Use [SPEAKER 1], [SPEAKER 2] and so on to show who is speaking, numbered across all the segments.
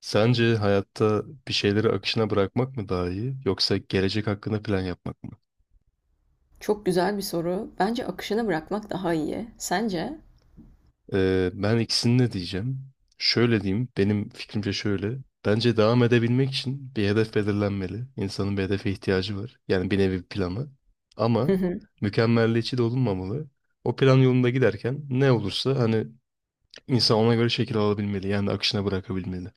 [SPEAKER 1] Sence hayatta bir şeyleri akışına bırakmak mı daha iyi yoksa gelecek hakkında plan yapmak mı?
[SPEAKER 2] Çok güzel bir soru. Bence akışına bırakmak daha iyi. Sence?
[SPEAKER 1] Ben ikisini de diyeceğim. Şöyle diyeyim, benim fikrimce şöyle. Bence devam edebilmek için bir hedef belirlenmeli. İnsanın bir hedefe ihtiyacı var. Yani bir nevi bir planı.
[SPEAKER 2] Hı
[SPEAKER 1] Ama
[SPEAKER 2] hı.
[SPEAKER 1] mükemmelliyetçi de olunmamalı. O plan yolunda giderken ne olursa hani insan ona göre şekil alabilmeli. Yani akışına bırakabilmeli.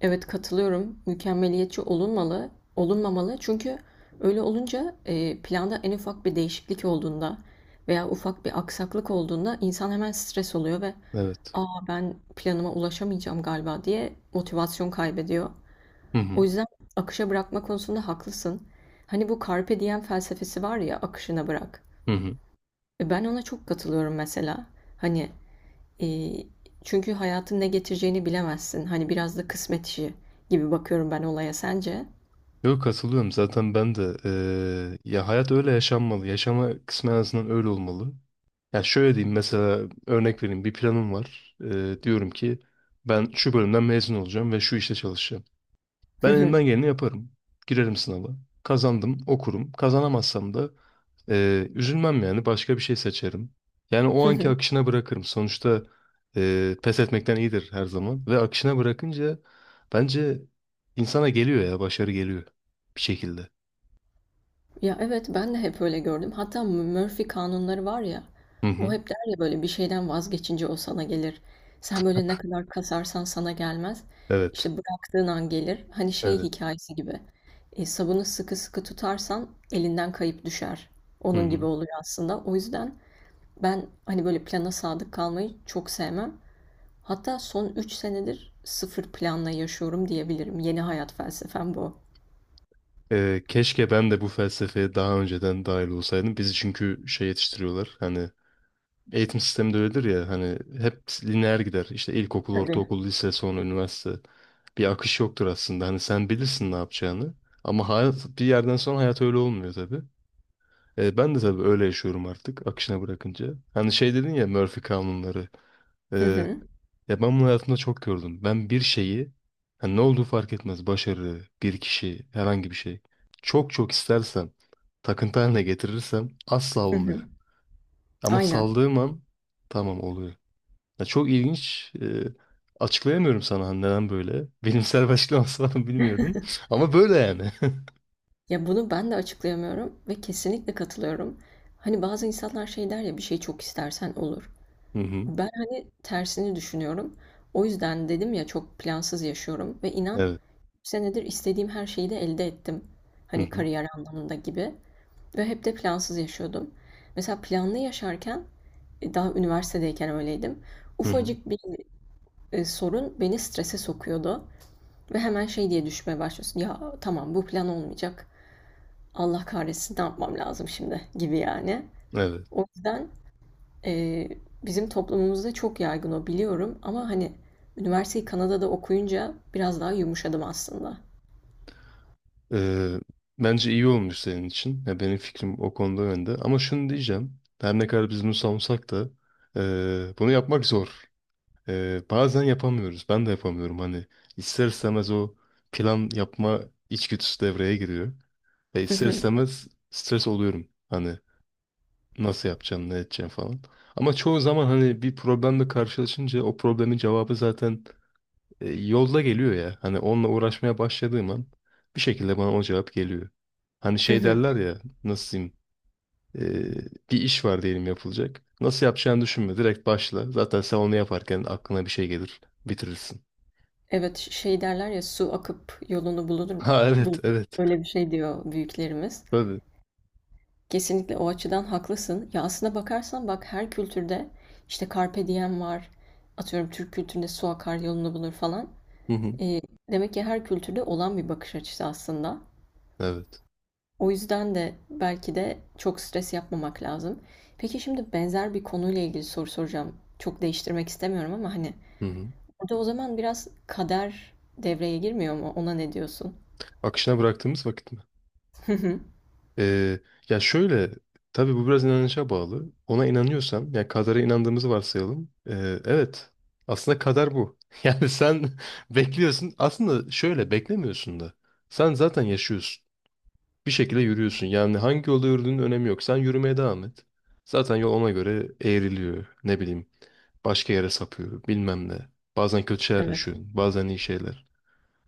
[SPEAKER 2] Evet katılıyorum. Mükemmeliyetçi olunmalı, olunmamalı. Çünkü öyle olunca planda en ufak bir değişiklik olduğunda veya ufak bir aksaklık olduğunda insan hemen stres oluyor ve
[SPEAKER 1] Evet.
[SPEAKER 2] "Aa ben planıma ulaşamayacağım galiba." diye motivasyon kaybediyor.
[SPEAKER 1] Hı hı.
[SPEAKER 2] O yüzden akışa bırakma konusunda haklısın. Hani bu carpe diem felsefesi var ya, akışına bırak.
[SPEAKER 1] Hı hı.
[SPEAKER 2] Ben ona çok katılıyorum mesela. Hani Eee, Çünkü hayatın ne getireceğini bilemezsin. Hani biraz da kısmet işi gibi bakıyorum ben olaya. Sence?
[SPEAKER 1] Yok katılıyorum zaten ben de ya hayat öyle yaşanmalı. Yaşama kısmı en azından öyle olmalı. Ya şöyle diyeyim mesela örnek vereyim bir planım var. Diyorum ki ben şu bölümden mezun olacağım ve şu işte çalışacağım. Ben elimden geleni yaparım. Girerim sınava. Kazandım okurum. Kazanamazsam da üzülmem yani başka bir şey seçerim. Yani o anki akışına bırakırım. Sonuçta pes etmekten iyidir her zaman. Ve akışına bırakınca bence insana geliyor ya başarı geliyor bir şekilde.
[SPEAKER 2] Ya evet ben de hep öyle gördüm. Hatta Murphy kanunları var ya.
[SPEAKER 1] Hı
[SPEAKER 2] O
[SPEAKER 1] hı.
[SPEAKER 2] hep der ya böyle bir şeyden vazgeçince o sana gelir. Sen böyle ne kadar kasarsan sana gelmez. İşte
[SPEAKER 1] Evet.
[SPEAKER 2] bıraktığın an gelir. Hani şey
[SPEAKER 1] Evet.
[SPEAKER 2] hikayesi gibi. Sabunu sıkı sıkı tutarsan elinden kayıp düşer.
[SPEAKER 1] Hı
[SPEAKER 2] Onun gibi
[SPEAKER 1] hı.
[SPEAKER 2] oluyor aslında. O yüzden ben hani böyle plana sadık kalmayı çok sevmem. Hatta son 3 senedir sıfır planla yaşıyorum diyebilirim. Yeni hayat felsefem bu.
[SPEAKER 1] Keşke ben de bu felsefeye daha önceden dahil olsaydım. Bizi çünkü şey yetiştiriyorlar. Hani eğitim sistemi de öyledir ya hani hep lineer gider. İşte ilkokul,
[SPEAKER 2] Tabii.
[SPEAKER 1] ortaokul, lise, sonra üniversite. Bir akış yoktur aslında. Hani sen bilirsin ne yapacağını. Ama hayat bir yerden sonra hayat öyle olmuyor tabii. Ben de tabii öyle yaşıyorum artık akışına bırakınca. Hani şey dedin ya Murphy kanunları. E,
[SPEAKER 2] Hı hı.
[SPEAKER 1] Ya ben bunu hayatımda çok gördüm. Ben bir şeyi hani ne olduğu fark etmez. Başarı, bir kişi, herhangi bir şey. Çok çok istersem, takıntı haline getirirsem asla
[SPEAKER 2] Hı hı.
[SPEAKER 1] olmuyor. Ama
[SPEAKER 2] Aynen.
[SPEAKER 1] saldığım an tamam oluyor. Ya çok ilginç. Açıklayamıyorum sana hani neden böyle. Bilimsel bir açıklaması var mı bilmiyorum. Ama böyle yani.
[SPEAKER 2] Ya bunu ben de açıklayamıyorum ve kesinlikle katılıyorum. Hani bazı insanlar şey der ya bir şey çok istersen olur.
[SPEAKER 1] Hı hı.
[SPEAKER 2] Ben hani tersini düşünüyorum. O yüzden dedim ya çok plansız yaşıyorum ve inan
[SPEAKER 1] Evet.
[SPEAKER 2] 3 senedir istediğim her şeyi de elde ettim.
[SPEAKER 1] Hı
[SPEAKER 2] Hani
[SPEAKER 1] hı.
[SPEAKER 2] kariyer anlamında gibi. Ve hep de plansız yaşıyordum. Mesela planlı yaşarken daha üniversitedeyken öyleydim.
[SPEAKER 1] Hı hı.
[SPEAKER 2] Ufacık bir sorun beni strese sokuyordu. Ve hemen şey diye düşmeye başlıyorsun. Ya tamam bu plan olmayacak. Allah kahretsin ne yapmam lazım şimdi gibi yani.
[SPEAKER 1] Evet.
[SPEAKER 2] O yüzden e, bizim toplumumuzda çok yaygın o biliyorum. Ama hani üniversiteyi Kanada'da okuyunca biraz daha yumuşadım aslında.
[SPEAKER 1] Ee, Bence iyi olmuş senin için. Ya benim fikrim o konuda önde. Ama şunu diyeceğim. Her ne kadar biz bunu savunsak da bunu yapmak zor. Bazen yapamıyoruz. Ben de yapamıyorum. Hani ister istemez o plan yapma içgüdüsü devreye giriyor. Ve ister istemez stres oluyorum. Hani nasıl yapacaksın, ne edeceksin falan. Ama çoğu zaman hani bir problemle karşılaşınca o problemin cevabı zaten yolda geliyor ya. Hani onunla uğraşmaya başladığım an bir şekilde bana o cevap geliyor. Hani şey derler ya nasıl diyeyim bir iş var diyelim yapılacak. Nasıl yapacağını düşünme direkt başla. Zaten sen onu yaparken aklına bir şey gelir bitirirsin.
[SPEAKER 2] Evet, şey derler ya su akıp yolunu bulur,
[SPEAKER 1] Ha evet
[SPEAKER 2] bulur.
[SPEAKER 1] evet
[SPEAKER 2] Öyle bir şey diyor büyüklerimiz.
[SPEAKER 1] tabii.
[SPEAKER 2] Kesinlikle o açıdan haklısın. Ya aslına bakarsan bak her kültürde işte carpe diem var. Atıyorum Türk kültüründe su akar yolunu bulur falan.
[SPEAKER 1] Hı hı.
[SPEAKER 2] E, Demek ki her kültürde olan bir bakış açısı aslında.
[SPEAKER 1] Evet.
[SPEAKER 2] O yüzden de belki de çok stres yapmamak lazım. Peki şimdi benzer bir konuyla ilgili soru soracağım. Çok değiştirmek istemiyorum ama hani
[SPEAKER 1] Hı hı.
[SPEAKER 2] burada o zaman biraz kader devreye girmiyor mu? Ona ne diyorsun?
[SPEAKER 1] Akışına bıraktığımız vakit mi? Ee, Ya şöyle, tabii bu biraz inanışa bağlı. Ona inanıyorsan, ya kadara inandığımızı varsayalım. Evet, aslında kader bu. Yani sen bekliyorsun. Aslında şöyle beklemiyorsun da. Sen zaten yaşıyorsun. Bir şekilde yürüyorsun. Yani hangi yolda yürüdüğünün önemi yok. Sen yürümeye devam et. Zaten yol ona göre eğriliyor. Ne bileyim, başka yere sapıyor, bilmem ne. Bazen kötü şeyler
[SPEAKER 2] Evet.
[SPEAKER 1] yaşıyorsun, bazen iyi şeyler.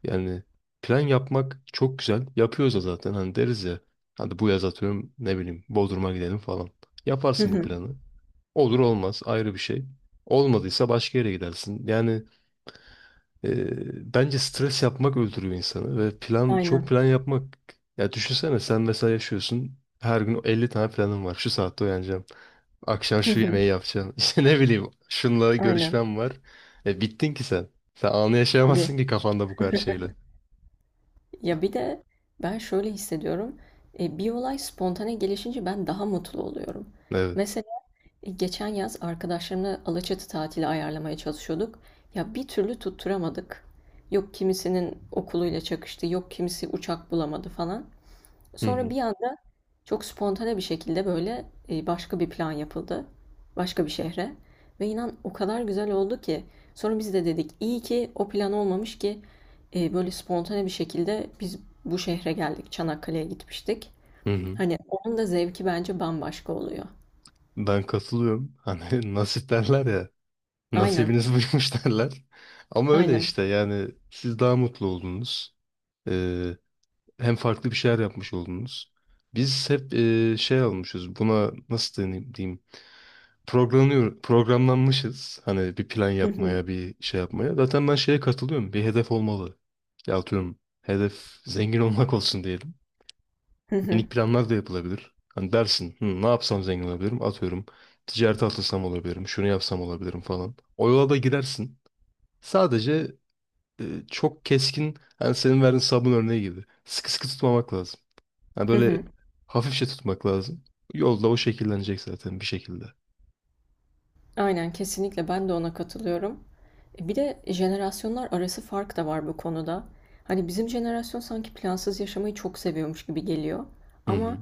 [SPEAKER 1] Yani plan yapmak çok güzel. Yapıyoruz da zaten hani deriz ya. Hadi bu yaz atıyorum ne bileyim Bodrum'a gidelim falan.
[SPEAKER 2] Hı
[SPEAKER 1] Yaparsın bu
[SPEAKER 2] hı.
[SPEAKER 1] planı. Olur olmaz ayrı bir şey. Olmadıysa başka yere gidersin. Yani bence stres yapmak öldürüyor insanı ve plan çok
[SPEAKER 2] Aynen.
[SPEAKER 1] plan yapmak. Ya düşünsene sen mesela yaşıyorsun. Her gün 50 tane planın var. Şu saatte uyanacağım. Akşam
[SPEAKER 2] Hı
[SPEAKER 1] şu
[SPEAKER 2] hı.
[SPEAKER 1] yemeği yapacağım. İşte ne bileyim şunla
[SPEAKER 2] Aynen.
[SPEAKER 1] görüşmem var. Bittin ki sen. Sen anı
[SPEAKER 2] Tabii.
[SPEAKER 1] yaşayamazsın ki kafanda bu kadar şeyle.
[SPEAKER 2] Ya bir de ben şöyle hissediyorum. Bir olay spontane gelişince ben daha mutlu oluyorum.
[SPEAKER 1] Evet.
[SPEAKER 2] Mesela geçen yaz arkadaşlarımla Alaçatı tatili ayarlamaya çalışıyorduk. Ya bir türlü tutturamadık. Yok kimisinin okuluyla çakıştı, yok kimisi uçak bulamadı falan.
[SPEAKER 1] Hı
[SPEAKER 2] Sonra
[SPEAKER 1] hı.
[SPEAKER 2] bir anda çok spontane bir şekilde böyle başka bir plan yapıldı. Başka bir şehre. Ve inan o kadar güzel oldu ki. Sonra biz de dedik iyi ki o plan olmamış ki böyle spontane bir şekilde biz bu şehre geldik. Çanakkale'ye gitmiştik.
[SPEAKER 1] Hı hı.
[SPEAKER 2] Hani onun da zevki bence bambaşka oluyor.
[SPEAKER 1] Ben katılıyorum. Hani nasip derler ya.
[SPEAKER 2] Aynen,
[SPEAKER 1] Nasibiniz buymuş derler. Ama öyle
[SPEAKER 2] aynen.
[SPEAKER 1] işte yani siz daha mutlu oldunuz. Ee, Hem farklı bir şeyler yapmış oldunuz. Biz hep şey almışız. Buna nasıl deneyim diyeyim. Programlıyor, programlanmışız. Hani bir plan
[SPEAKER 2] Hı hı,
[SPEAKER 1] yapmaya, bir şey yapmaya. Zaten ben şeye katılıyorum. Bir hedef olmalı. Ya atıyorum hedef zengin olmak olsun diyelim.
[SPEAKER 2] hı hı,
[SPEAKER 1] Minik planlar da yapılabilir. Hani dersin, hı, ne yapsam zengin olabilirim? Atıyorum, ticarete atılsam olabilirim, şunu yapsam olabilirim falan. O yola da girersin. Sadece e, çok keskin, hani senin verdiğin sabun örneği gibi. Sıkı sıkı tutmamak lazım. Yani
[SPEAKER 2] hı
[SPEAKER 1] böyle
[SPEAKER 2] hı.
[SPEAKER 1] hafifçe tutmak lazım. Yolda o şekillenecek zaten bir şekilde.
[SPEAKER 2] Aynen, kesinlikle ben de ona katılıyorum. Bir de jenerasyonlar arası fark da var bu konuda. Hani bizim jenerasyon sanki plansız yaşamayı çok seviyormuş gibi geliyor.
[SPEAKER 1] Hı hı.
[SPEAKER 2] Ama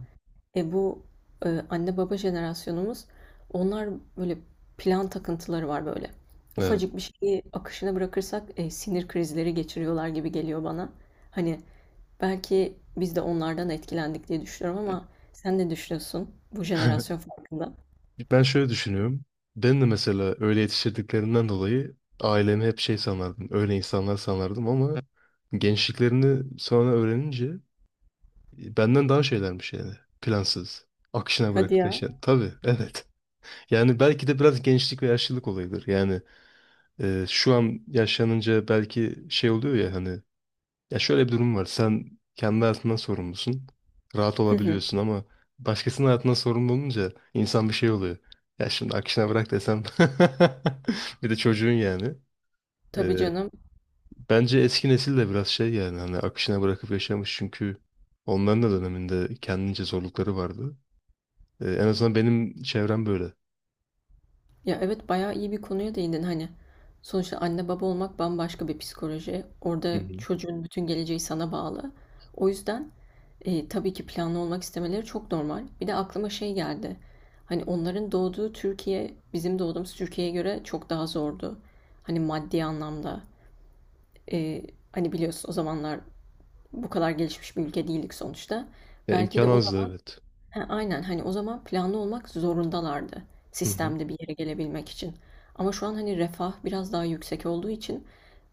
[SPEAKER 2] e, bu anne baba jenerasyonumuz, onlar, böyle plan takıntıları var böyle.
[SPEAKER 1] Evet.
[SPEAKER 2] Ufacık bir şeyi akışına bırakırsak sinir krizleri geçiriyorlar gibi geliyor bana. Hani belki biz de onlardan etkilendik diye düşünüyorum ama sen ne düşünüyorsun bu jenerasyon farkında?
[SPEAKER 1] Ben şöyle düşünüyorum. Ben de mesela öyle yetiştirdiklerinden dolayı ailemi hep şey sanardım. Öyle insanlar sanardım ama gençliklerini sonra öğrenince benden daha şeylermiş yani. Plansız. Akışına
[SPEAKER 2] Hadi
[SPEAKER 1] bırakıp
[SPEAKER 2] ya.
[SPEAKER 1] yaşayan. Tabii, evet. Yani belki de biraz gençlik ve yaşlılık olayıdır. Yani şu an yaşlanınca belki şey oluyor ya hani ya şöyle bir durum var. Sen kendi hayatından sorumlusun. Rahat
[SPEAKER 2] Hı hı.
[SPEAKER 1] olabiliyorsun ama başkasının hayatından sorumlu olunca insan bir şey oluyor. Ya şimdi akışına bırak desem bir de çocuğun yani.
[SPEAKER 2] Tabii
[SPEAKER 1] E,
[SPEAKER 2] canım.
[SPEAKER 1] Bence eski nesil de biraz şey yani hani akışına bırakıp yaşamış çünkü onların da döneminde kendince zorlukları vardı. En azından benim çevrem böyle.
[SPEAKER 2] Ya evet bayağı iyi bir konuya değindin hani. Sonuçta anne baba olmak bambaşka bir psikoloji.
[SPEAKER 1] Hı
[SPEAKER 2] Orada
[SPEAKER 1] hı.
[SPEAKER 2] çocuğun bütün geleceği sana bağlı. O yüzden tabii ki planlı olmak istemeleri çok normal. Bir de aklıma şey geldi. Hani onların doğduğu Türkiye bizim doğduğumuz Türkiye'ye göre çok daha zordu. Hani maddi anlamda. E, Hani biliyorsun o zamanlar bu kadar gelişmiş bir ülke değildik sonuçta.
[SPEAKER 1] Ya
[SPEAKER 2] Belki
[SPEAKER 1] imkan
[SPEAKER 2] de o,
[SPEAKER 1] azdı evet.
[SPEAKER 2] he, aynen. Hani, o zaman planlı olmak zorundalardı
[SPEAKER 1] Hı hı.
[SPEAKER 2] sistemde bir yere gelebilmek için. Ama şu an, hani, refah biraz daha yüksek olduğu için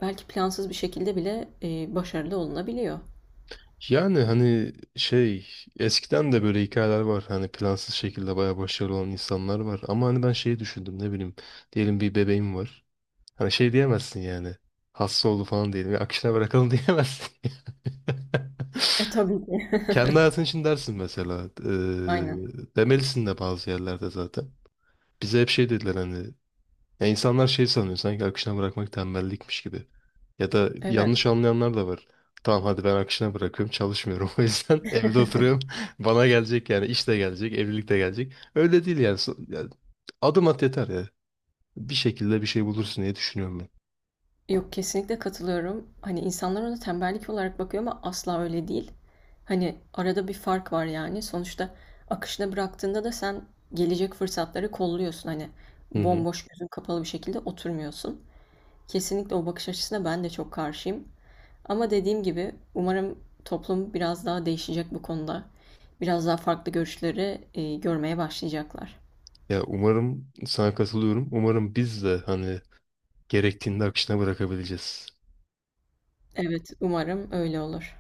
[SPEAKER 2] belki plansız bir şekilde bile, başarılı olunabiliyor.
[SPEAKER 1] Yani hani şey eskiden de böyle hikayeler var. Hani plansız şekilde bayağı başarılı olan insanlar var. Ama hani ben şeyi düşündüm ne bileyim. Diyelim bir bebeğim var. Hani şey diyemezsin yani. Hasta oldu falan diyelim. Ya akışına bırakalım diyemezsin.
[SPEAKER 2] Tabii ki.
[SPEAKER 1] Kendi hayatın için dersin mesela.
[SPEAKER 2] Aynen.
[SPEAKER 1] Demelisin de bazı yerlerde zaten. Bize hep şey dediler hani. Ya insanlar şey sanıyor sanki akışına bırakmak tembellikmiş gibi. Ya da yanlış
[SPEAKER 2] Evet.
[SPEAKER 1] anlayanlar da var. Tamam hadi ben akışına bırakıyorum çalışmıyorum o yüzden evde oturuyorum. Bana gelecek yani iş de gelecek evlilik de gelecek. Öyle değil yani. Ya adım at yeter ya. Bir şekilde bir şey bulursun diye düşünüyorum ben.
[SPEAKER 2] Yok, kesinlikle katılıyorum. Hani, insanlar ona tembellik olarak bakıyor ama asla öyle değil. Hani, arada bir fark var, yani. Sonuçta akışına bıraktığında da sen gelecek fırsatları kolluyorsun. Hani,
[SPEAKER 1] Hı hı.
[SPEAKER 2] bomboş, gözün kapalı bir şekilde oturmuyorsun. Kesinlikle o bakış açısına ben de çok karşıyım. Ama dediğim gibi umarım toplum biraz daha değişecek bu konuda. Biraz daha farklı görüşleri görmeye başlayacaklar.
[SPEAKER 1] Ya umarım sana katılıyorum. Umarım biz de hani gerektiğinde akışına bırakabileceğiz.
[SPEAKER 2] Evet, umarım öyle olur.